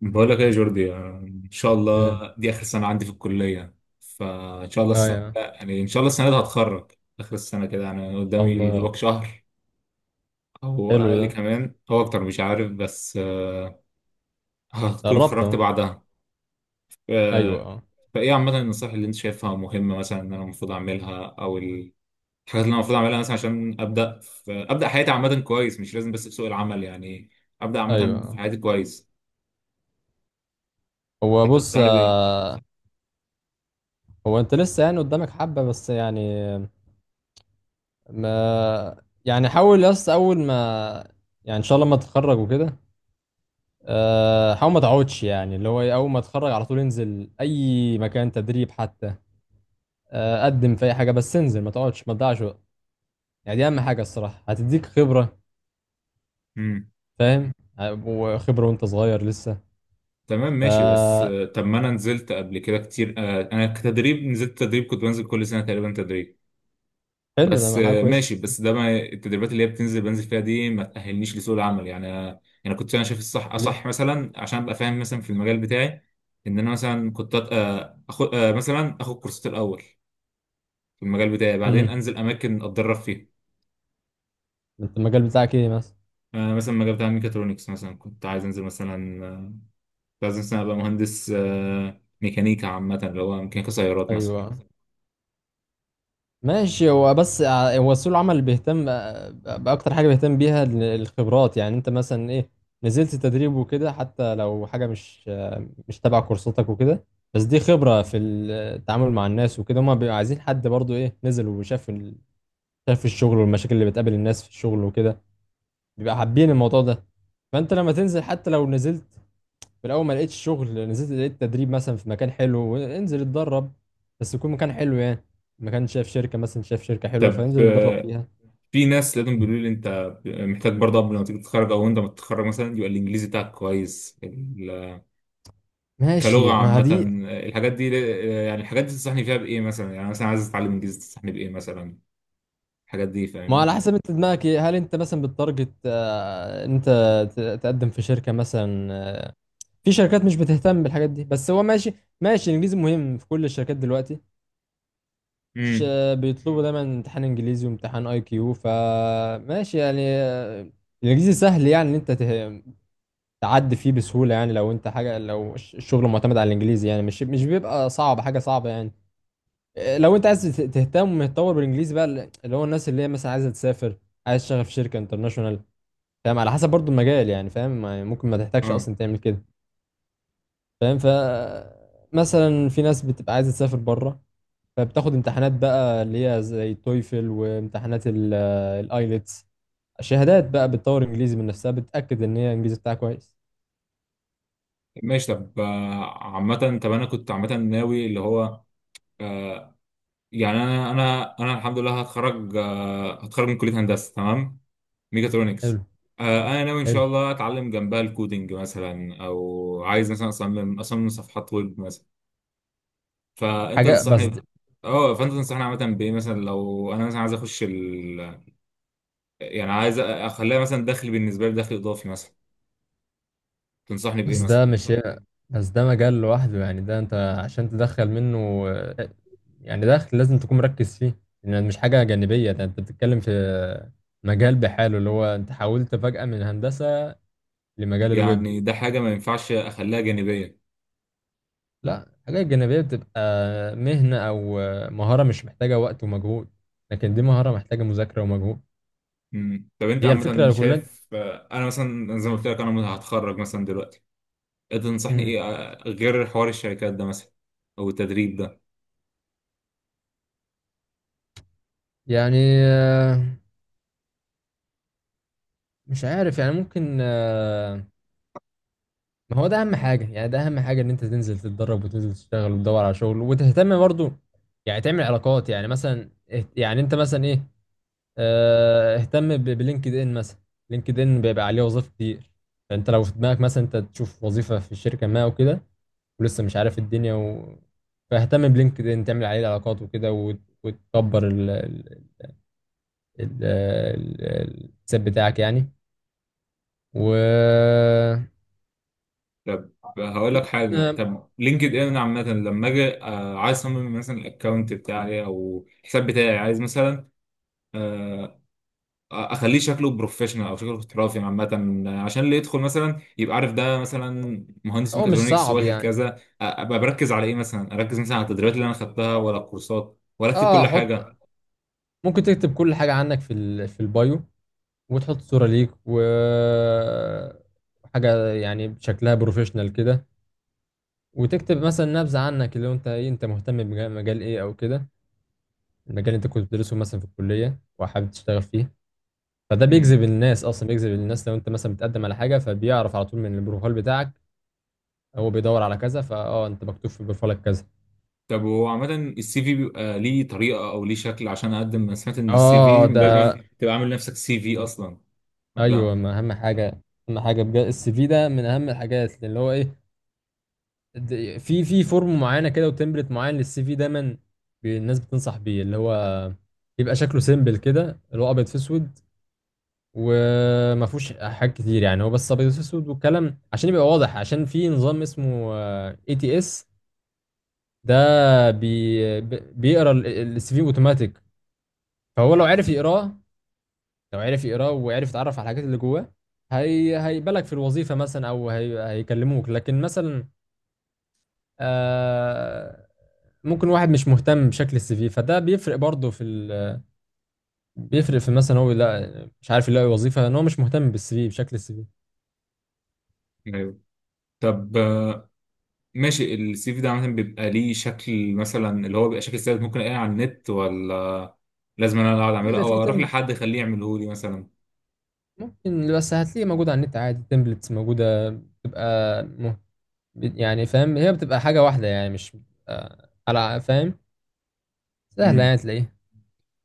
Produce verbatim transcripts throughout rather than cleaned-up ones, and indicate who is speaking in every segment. Speaker 1: بقول لك ايه يا جوردي يعني ان شاء
Speaker 2: يا
Speaker 1: الله دي اخر سنه عندي في الكليه. فان شاء الله
Speaker 2: اه
Speaker 1: السنه
Speaker 2: يا ان
Speaker 1: يعني ان شاء الله السنه دي هتخرج اخر السنه كده، يعني
Speaker 2: شاء
Speaker 1: قدامي
Speaker 2: الله.
Speaker 1: دوبك شهر او
Speaker 2: حلو
Speaker 1: اقل
Speaker 2: ده،
Speaker 1: كمان او اكتر، مش عارف. بس آه، هتكون
Speaker 2: قربت
Speaker 1: اتخرجت
Speaker 2: اهو.
Speaker 1: بعدها.
Speaker 2: ايوه
Speaker 1: آه،
Speaker 2: اه.
Speaker 1: فايه عامه النصائح اللي انت شايفها مهمه، مثلا ان انا المفروض اعملها او الحاجات اللي انا المفروض اعملها، مثلا عشان ابدا في ابدا حياتي عامه كويس، مش لازم بس في سوق العمل، يعني ابدا
Speaker 2: ايوه
Speaker 1: عامه في
Speaker 2: اه.
Speaker 1: حياتي كويس.
Speaker 2: هو
Speaker 1: انت
Speaker 2: بص،
Speaker 1: تنصحني بايه؟
Speaker 2: آه، هو انت لسه يعني قدامك حبه بس يعني، ما يعني حاول، بس اول ما يعني ان شاء الله ما تتخرج وكده، آه، حاول ما تقعدش. يعني اللي هو إيه، اول ما تتخرج على طول انزل اي مكان تدريب حتى. آه، قدم في اي حاجه، بس انزل، ما تقعدش، ما تضيعش وقت. يعني دي اهم حاجه الصراحه، هتديك خبره، فاهم؟ آه، وخبره وانت صغير لسه.
Speaker 1: تمام ماشي. بس
Speaker 2: ف
Speaker 1: آه، طب ما انا نزلت قبل كده كتير. آه، انا كتدريب نزلت تدريب، كنت بنزل كل سنه تقريبا تدريب.
Speaker 2: حلو
Speaker 1: بس
Speaker 2: ده، حاجه
Speaker 1: آه،
Speaker 2: كويسه.
Speaker 1: ماشي. بس ده ما التدريبات اللي هي بتنزل بنزل فيها دي ما تاهلنيش لسوق العمل، يعني انا يعني كنت انا شايف الصح اصح
Speaker 2: ليه؟
Speaker 1: مثلا عشان ابقى فاهم مثلا في المجال بتاعي، ان انا مثلا كنت اخد مثلا اخد كورسات الاول في المجال بتاعي، بعدين
Speaker 2: امم
Speaker 1: انزل اماكن اتدرب فيها.
Speaker 2: انت المجال بتاعك ايه مثلا؟
Speaker 1: آه، مثلا المجال بتاع الميكاترونكس، مثلا كنت عايز انزل مثلا، آه، كنت عايز مثلا ابقى مهندس آه، ميكانيكا عامه، اللي هو ميكانيكا سيارات مثلا.
Speaker 2: ايوه ماشي. هو بس ع- هو سوق العمل اللي بيهتم، آه، باكتر حاجه بيهتم بيها ال- الخبرات. يعني انت مثلا ايه، نزلت تدريب وكده، حتى لو حاجه مش آه، مش تبع كورساتك وكده، بس دي خبره في التعامل مع الناس وكده. هما بيبقوا عايزين حد برضو ايه، نزل وشاف ال- شاف الشغل والمشاكل اللي بتقابل الناس في الشغل وكده، بيبقى حابين الموضوع ده. فانت لما تنزل حتى لو نزلت في الاول، ما لقيتش شغل، نزلت لقيت تدريب مثلا في مكان حلو، انزل اتدرب، بس يكون مكان حلو يعني. مكان شايف شركه مثلا، شايف شركه حلوه،
Speaker 1: طب
Speaker 2: فانزل اتدرب
Speaker 1: آه،
Speaker 2: فيها.
Speaker 1: في ناس لازم بيقولوا لي انت محتاج برضه قبل ما تيجي تتخرج او انت متخرج مثلا يبقى الانجليزي بتاعك كويس. ال- كلغه
Speaker 2: ماشي. ما
Speaker 1: عامه،
Speaker 2: دي
Speaker 1: آه، الحاجات دي، آه، يعني الحاجات دي تنصحني فيها بايه مثلا؟ يعني مثلا عايز اتعلم انجليزي، تنصحني بايه مثلا؟ الحاجات دي،
Speaker 2: ما على
Speaker 1: فاهمني.
Speaker 2: حسب انت دماغك ايه، هل انت مثلا بالتارجت؟ آه، انت ت- تقدم في شركه مثلا، آه، في شركات مش بتهتم بالحاجات دي، بس هو ماشي. ماشي، الانجليزي مهم في كل الشركات دلوقتي. مش
Speaker 1: امم،
Speaker 2: آه، بيطلبوا دايما امتحان انجليزي وامتحان اي كيو. فماشي يعني. آه، الانجليزي سهل، يعني ان انت ته... تعدي فيه بسهولة. يعني لو انت حاجة، لو الش- الشغل معتمد على الانجليزي، يعني مش مش بيبقى صعب، حاجة صعبة يعني. إيه، لو انت عايز ت- تهتم وتطور بالانجليزي بقى، اللي هو الناس اللي هي مثلا عايزة تسافر، عايز تشتغل في شركة انترناشونال. فاهم؟ على حسب برضو المجال يعني. فاهم؟ يعني ممكن ما تحتاجش
Speaker 1: اه
Speaker 2: اصلا تعمل كده. فاهم؟ ف مثلا في ناس بتبقى عايزة تسافر بره، فبتاخد امتحانات بقى اللي هي زي تويفل وامتحانات الايلتس، شهادات بقى، بتطور انجليزي من نفسها، بتأكد ان هي الانجليزي بتاعها كويس.
Speaker 1: ماشي. طب آه، عامه، طب انا كنت عامه ناوي اللي هو آه، يعني انا انا انا الحمد لله هتخرج، آه، هتخرج من كليه هندسه، تمام، ميكاترونكس.
Speaker 2: حلو.
Speaker 1: آه، انا ناوي ان شاء
Speaker 2: حلو.
Speaker 1: الله اتعلم جنبها الكودينج مثلا، او عايز مثلا اصمم اصمم صفحات ويب مثلا. فانت
Speaker 2: حاجة بس،
Speaker 1: تنصحني، اه فانت تنصحني عامه بايه مثلا لو انا مثلا عايز اخش ال... يعني عايز اخليها مثلا دخل بالنسبه لي، دخل اضافي مثلا. تنصحني بايه
Speaker 2: بس ده
Speaker 1: مثلا؟
Speaker 2: مش، بس ده مجال لوحده. يعني ده انت عشان تدخل منه آه، يعني دخل، لازم تكون مركز فيه، لان مش حاجة جانبية. ده انت بتتكلم في مجال بحاله، اللي هو انت حولت فجأة من هندسة لمجال الويب.
Speaker 1: يعني ده حاجه ما ينفعش اخليها جانبيه؟
Speaker 2: لا، الحاجات الجانبية بتبقى مهنة او آه، مهارة مش محتاجة وقت ومجهود، لكن دي مهارة محتاجة مذاكرة ومجهود.
Speaker 1: امم. طب انت
Speaker 2: هي
Speaker 1: عامه
Speaker 2: الفكرة كلها.
Speaker 1: شايف آه، انا مثلا زي ما قلت لك انا هتخرج مثلا دلوقتي، انت تنصحني
Speaker 2: مم.
Speaker 1: ايه آه، غير حوار الشركات ده مثلا او التدريب ده؟
Speaker 2: يعني آه، مش عارف يعني، ممكن، ما هو ده اهم حاجه. يعني ده اهم حاجه، ان انت تنزل تتدرب وتنزل تشتغل وتدور على شغل وتهتم برضو، يعني تعمل علاقات. يعني مثلا اهت- يعني انت مثلا ايه، آه، اهتم ب- بلينكد ان مثلا. لينكد ان بيبقى عليه وظائف كتير، فانت لو في دماغك مثلا انت تشوف وظيفه في الشركه ما وكده، ولسه مش عارف الدنيا و... فاهتم بلينكد ان، تعمل عليه علاقات وكده، وت- وتكبر ال... ال... ال... ال- الحساب بتاعك يعني. و
Speaker 1: طب هقول لك
Speaker 2: ممكن.
Speaker 1: حاجه.
Speaker 2: آه،
Speaker 1: طب لينكد ان عامه لما اجي آه، عايز اصمم مثلا الاكونت بتاعي او الحساب بتاعي، عايز مثلا آه، اخليه شكله بروفيشنال او شكله احترافي عامه، آه، عشان اللي يدخل مثلا يبقى عارف ده مثلا مهندس
Speaker 2: هو مش
Speaker 1: ميكاترونكس
Speaker 2: صعب
Speaker 1: واخد
Speaker 2: يعني.
Speaker 1: كذا. آه، ابقى بركز على ايه مثلا؟ اركز مثلا على التدريبات اللي انا خدتها، ولا الكورسات، ولا اكتب
Speaker 2: اه
Speaker 1: كل
Speaker 2: حط،
Speaker 1: حاجه؟
Speaker 2: ممكن تكتب كل حاجة عنك في ال... في البايو، وتحط صورة ليك و حاجة يعني شكلها بروفيشنال كده، وتكتب مثلا نبذة عنك، اللي هو انت ايه، انت مهتم بمجال، مجال ايه او كده، المجال اللي انت كنت بتدرسه مثلا في الكلية وحابب تشتغل فيه. فده
Speaker 1: مم.
Speaker 2: بيجذب الناس، اصلا بيجذب الناس. لو انت مثلا بتقدم على حاجة، فبيعرف على طول من البروفايل بتاعك، هو بيدور على كذا، فاه انت مكتوب في بروفايلك كذا.
Speaker 1: طب هو عامة السي في بيبقى ليه طريقة أو ليه شكل عشان أقدم؟ أنا سمعت إن السي
Speaker 2: اه
Speaker 1: في
Speaker 2: ده،
Speaker 1: لازم تبقى عامل نفسك سي في أصلا قبلها.
Speaker 2: ايوه. ما اهم حاجة، اهم حاجة بجد، السي في ده من اهم الحاجات. اللي هو ايه، د- في في فورم معينه كده وتمبلت معين للسي في دايما، بي- الناس بتنصح بيه، اللي هو يبقى شكله سيمبل كده، اللي هو ابيض في اسود وما فيهوش حاجات كتير. يعني هو بس ابيض في اسود والكلام، عشان يبقى واضح، عشان في نظام اسمه اي تي اس، ده بي بي- بيقرا السي في اوتوماتيك. فهو لو عرف يقراه، لو عرف يقراه وعرف يتعرف على الحاجات اللي جواه، هي هيبالغ في الوظيفه مثلا، او هي هيكلموك. لكن مثلا آه، ممكن واحد مش مهتم بشكل السي في، فده بيفرق برضه في ال... بيفرق في، مثلا هو لا مش عارف يلاقي وظيفه، ان هو مش مهتم بالسي في، بشكل السي في.
Speaker 1: طب آه، ماشي، السي في ده عامة بيبقى ليه شكل مثلا، اللي هو بيبقى شكل ثابت ممكن الاقيه على النت، ولا لازم انا اللي اقعد
Speaker 2: اه
Speaker 1: اعمله،
Speaker 2: بيبقى في
Speaker 1: او اروح
Speaker 2: تم،
Speaker 1: لحد اخليه يعمله لي مثلا؟
Speaker 2: ممكن، بس هتلاقيه موجود على النت عادي، تمبلتس موجوده، بتبقى مه... يعني فاهم، هي بتبقى حاجه واحده يعني، مش بتبقى على، فاهم، سهله
Speaker 1: امم.
Speaker 2: يعني تلاقيه.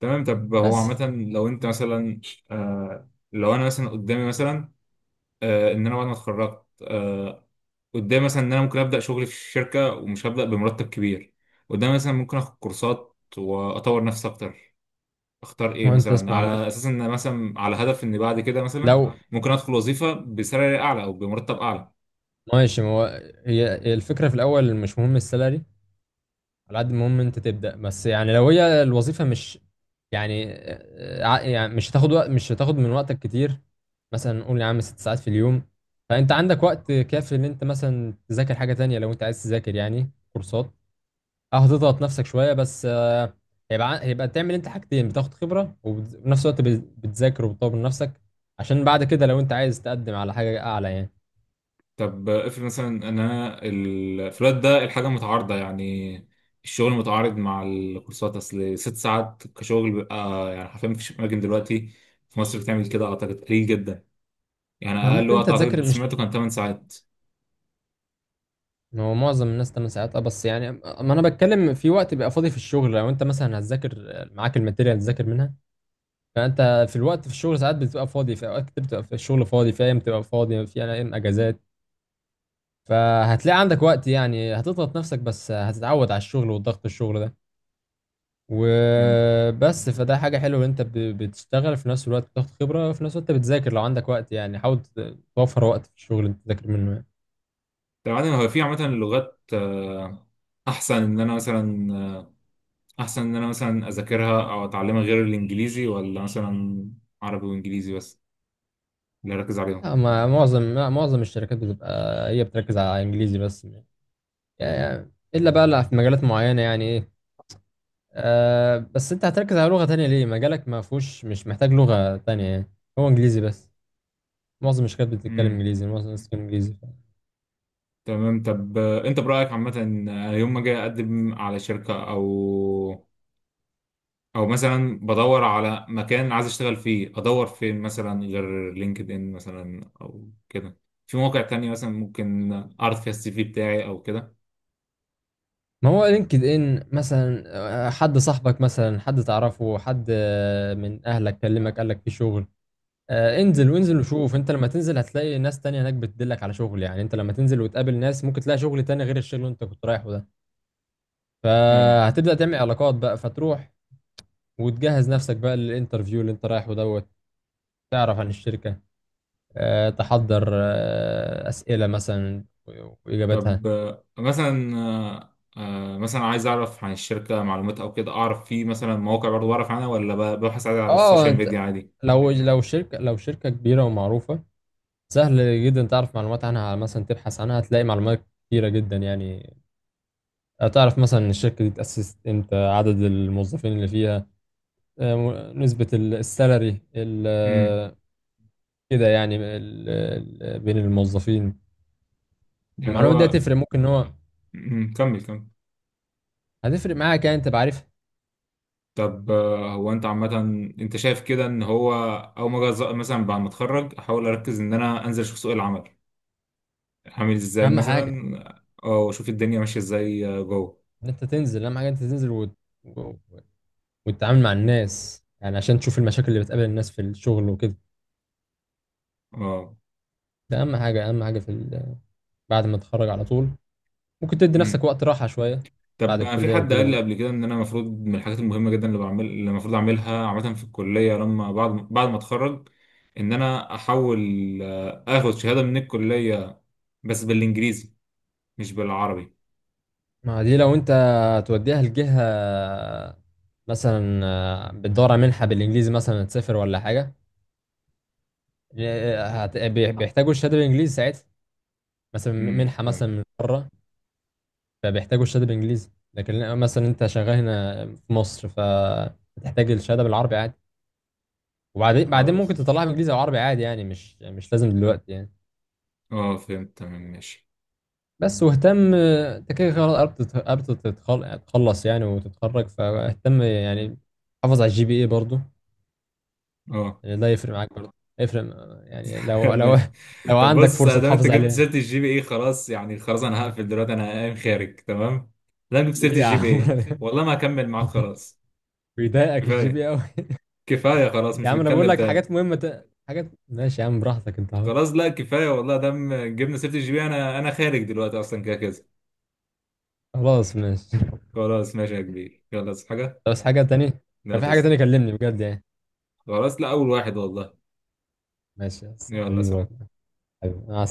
Speaker 1: تمام. طب هو
Speaker 2: بس
Speaker 1: عامة لو انت مثلا، آه لو انا مثلا قدامي مثلا، آه ان انا بعد ما اتخرجت، آه قدامي مثلا ان انا ممكن ابدا شغل في الشركة ومش هبدا بمرتب كبير، قدامي مثلا ممكن اخد كورسات واطور نفسي اكتر، اختار ايه
Speaker 2: ما هو انت
Speaker 1: مثلا؟
Speaker 2: اسمع ما...
Speaker 1: على اساس ان مثلا على هدف ان بعد كده مثلا
Speaker 2: لو،
Speaker 1: ممكن ادخل وظيفه بسالري اعلى او بمرتب اعلى.
Speaker 2: ماشي. ما هو هي هي الفكره في الاول مش مهم السالري، على قد المهم انت تبدأ بس. يعني لو هي الوظيفة مش يعني، آه، ع- يعني مش هتاخد وقت، مش هتاخد من وقتك كتير، مثلا نقول يا عم ست ساعات في اليوم، فانت عندك وقت كافي ان انت مثلا تذاكر حاجة تانية، لو انت عايز تذاكر يعني كورسات. اه هتضغط نفسك شوية بس، آه، هيبقى ع- هيبقى تعمل انت حاجتين، بتاخد خبرة وبت- وفي نفس الوقت بت- بتذاكر وبتطور من نفسك، عشان بعد كده لو انت عايز تقدم على حاجة اعلى يعني.
Speaker 1: طب افرض مثلا ان انا الفلات ده الحاجه متعارضه، يعني الشغل متعارض مع الكورسات، اصل ست ساعات كشغل بيبقى، يعني حرفيا مفيش اماكن دلوقتي في مصر بتعمل كده، اعتقد قليل جدا. يعني
Speaker 2: ما
Speaker 1: اقل
Speaker 2: ممكن انت
Speaker 1: وقت اعتقد
Speaker 2: تذاكر. مش
Speaker 1: سمعته كان تمن ساعات.
Speaker 2: هو معظم الناس تمن ساعات؟ اه بس يعني ما انا بتكلم في وقت بيبقى فاضي في الشغل، لو انت مثلا هتذاكر، آه، معاك الماتيريال تذاكر منها. فانت في الوقت في الشغل ساعات بتبقى فاضي، في اوقات كتير بتبقى في الشغل فاضي، في ايام بتبقى فاضي، في ايام اجازات، فهتلاقي عندك وقت. يعني هتضغط نفسك بس هتتعود على الشغل والضغط، الشغل ده
Speaker 1: امم.
Speaker 2: وبس. فده حاجة حلوة، ان انت ب- بتشتغل، في نفس الوقت بتاخد خبرة، في نفس الوقت بتذاكر لو عندك وقت يعني. حاول ت- توفر وقت في الشغل انت تذاكر منه يعني.
Speaker 1: طبعا هو في عامه اللغات، آه، احسن ان انا مثلا، احسن ان انا مثلا اذاكرها او اتعلمها غير الانجليزي، ولا مثلا عربي وانجليزي بس اللي اركز عليهم؟
Speaker 2: لا، ما معظم، لا، معظم الشركات بتبقى هي بتركز على انجليزي بس، يعني الا بقى اللي في مجالات معينه. يعني ايه آه بس انت هتركز على لغه تانية ليه؟ مجالك ما فيهوش، مش محتاج لغه تانية يعني، هو انجليزي بس. معظم الشركات بتتكلم
Speaker 1: امم.
Speaker 2: انجليزي، معظم الناس بتتكلم انجليزي.
Speaker 1: تمام. طب آه، انت برايك عامه آه، يوم ما اجي اقدم على شركه، او او مثلا بدور على مكان عايز اشتغل فيه، ادور فين مثلا غير لينكد ان مثلا او كده؟ في مواقع تانية مثلا ممكن اعرض فيها السي في بتاعي او كده؟
Speaker 2: ما هو لينكد ان مثلا، آه، حد صاحبك مثلا، حد تعرفه، حد آه، من اهلك كلمك قال لك في شغل، آه انزل. وانزل وشوف، انت لما تنزل هتلاقي ناس تانية هناك بتدلك على شغل، يعني انت لما تنزل وتقابل ناس ممكن تلاقي شغل تاني غير الشغل اللي انت كنت رايحه ده،
Speaker 1: ايوه.
Speaker 2: فهتبدأ تعمل علاقات بقى. فتروح وتجهز نفسك بقى للانترفيو اللي انت رايحه دوت، تعرف عن الشركة، آه، تحضر آه، أسئلة مثلا و- وإجاباتها.
Speaker 1: طب آه، مثلا آه، آه، مثلا عايز اعرف عن الشركه معلومات او كده، اعرف في مثلا مواقع برضو بعرف عنها، ولا ب- ببحث عادي على
Speaker 2: اه
Speaker 1: السوشيال ميديا
Speaker 2: انت
Speaker 1: عادي؟
Speaker 2: لو لو شركة، لو شركة كبيرة ومعروفة، سهل جدا تعرف معلومات عنها، مثلا تبحث عنها هتلاقي معلومات كتيرة جدا. يعني تعرف مثلا الشركة دي اتأسست امتى، عدد الموظفين اللي فيها، آه، م- نسبة ال- السالري، ال-
Speaker 1: امم.
Speaker 2: آه، كده يعني ال- ال- بين الموظفين.
Speaker 1: يعني
Speaker 2: المعلومات دي
Speaker 1: هو
Speaker 2: هتفرق، ممكن ان هو
Speaker 1: مم، كمل كمل.
Speaker 2: هتفرق معاك يعني، انت بعرف.
Speaker 1: طب آه، هو انت عامه، انت شايف كده ان هو اول ما أجي أز- مثلا بعد ما اتخرج احاول اركز ان انا انزل اشوف سوق العمل عامل ازاي
Speaker 2: اهم حاجه
Speaker 1: مثلا، آه، واشوف الدنيا ماشيه ازاي آه، جوه؟
Speaker 2: ان انت تنزل، اهم حاجه انت تنزل وت... و- وتتعامل مع الناس، يعني عشان تشوف المشاكل اللي بتقابل الناس في الشغل وكده.
Speaker 1: اه.
Speaker 2: ده اهم حاجه، اهم حاجه في ال... بعد ما تتخرج على طول. ممكن تدي نفسك وقت راحه شويه بعد
Speaker 1: طب أنا في
Speaker 2: الكليه
Speaker 1: حد قال لي
Speaker 2: وكده.
Speaker 1: قبل كده ان انا المفروض من الحاجات المهمه جدا اللي بعمل، اللي المفروض اعملها عامه في الكليه لما بعد بعد ما اتخرج، ان انا احاول آه، اخد شهاده من الكليه بس بالانجليزي مش بالعربي.
Speaker 2: ما دي لو انت توديها لجهه مثلا، آه، بتدور على منحه بالانجليزي مثلا، تسافر ولا حاجه، آه، هت... بي- بيحتاجوا الشهاده بالانجليزي ساعتها، مثلا
Speaker 1: امم،
Speaker 2: منحه
Speaker 1: فهمت.
Speaker 2: مثلا من بره، فبيحتاجوا الشهاده بالانجليزي. لكن لا، مثلا انت شغال هنا في مصر، فتحتاج الشهاده بالعربي عادي، وبعدين بعدين ممكن
Speaker 1: خلاص،
Speaker 2: تطلعها بالانجليزي او عربي عادي يعني، مش مش لازم دلوقتي يعني.
Speaker 1: اه فهمت، تمام ماشي.
Speaker 2: بس واهتم، آه، انت كده خلاص قربت تت- قربت تتخل- تخلص يعني وتتخرج، فاهتم يعني، حافظ على الجي بي اي برضه،
Speaker 1: اه
Speaker 2: يعني ده يفرق معاك برضه، يفرق. آه، يعني لو لو
Speaker 1: ماشي.
Speaker 2: لو
Speaker 1: طب
Speaker 2: عندك
Speaker 1: بص آه،
Speaker 2: فرصه
Speaker 1: دام انت
Speaker 2: تحافظ
Speaker 1: جبت
Speaker 2: عليها.
Speaker 1: سيره الجي بي اي، خلاص يعني، خلاص انا هقفل دلوقتي، انا قايم خارج تمام. دام جبت سيره
Speaker 2: ليه يا
Speaker 1: الجي بي اي،
Speaker 2: عم؟
Speaker 1: والله ما هكمل معاك، خلاص
Speaker 2: بيضايقك الجي بي
Speaker 1: كفايه،
Speaker 2: قوي؟
Speaker 1: كفايه خلاص،
Speaker 2: يا
Speaker 1: مش
Speaker 2: عم انا بقول
Speaker 1: بتكلم
Speaker 2: لك
Speaker 1: تاني.
Speaker 2: حاجات مهمه ت... حاجات، ماشي يا عم براحتك، انت حر.
Speaker 1: خلاص لا كفايه والله، دام جبنا سيره الجي بي، انا انا خارج دلوقتي اصلا كده كده.
Speaker 2: خلاص ماشي،
Speaker 1: خلاص ماشي يا كبير، يلا بس حاجه،
Speaker 2: بس حاجة تانية،
Speaker 1: لا
Speaker 2: لو في حاجة
Speaker 1: تسلم،
Speaker 2: تانية كلمني بجد يعني.
Speaker 1: خلاص لا اول واحد والله،
Speaker 2: ماشي بس،
Speaker 1: يلا
Speaker 2: حبيبي
Speaker 1: سلام.
Speaker 2: والله. حبيبي أنا.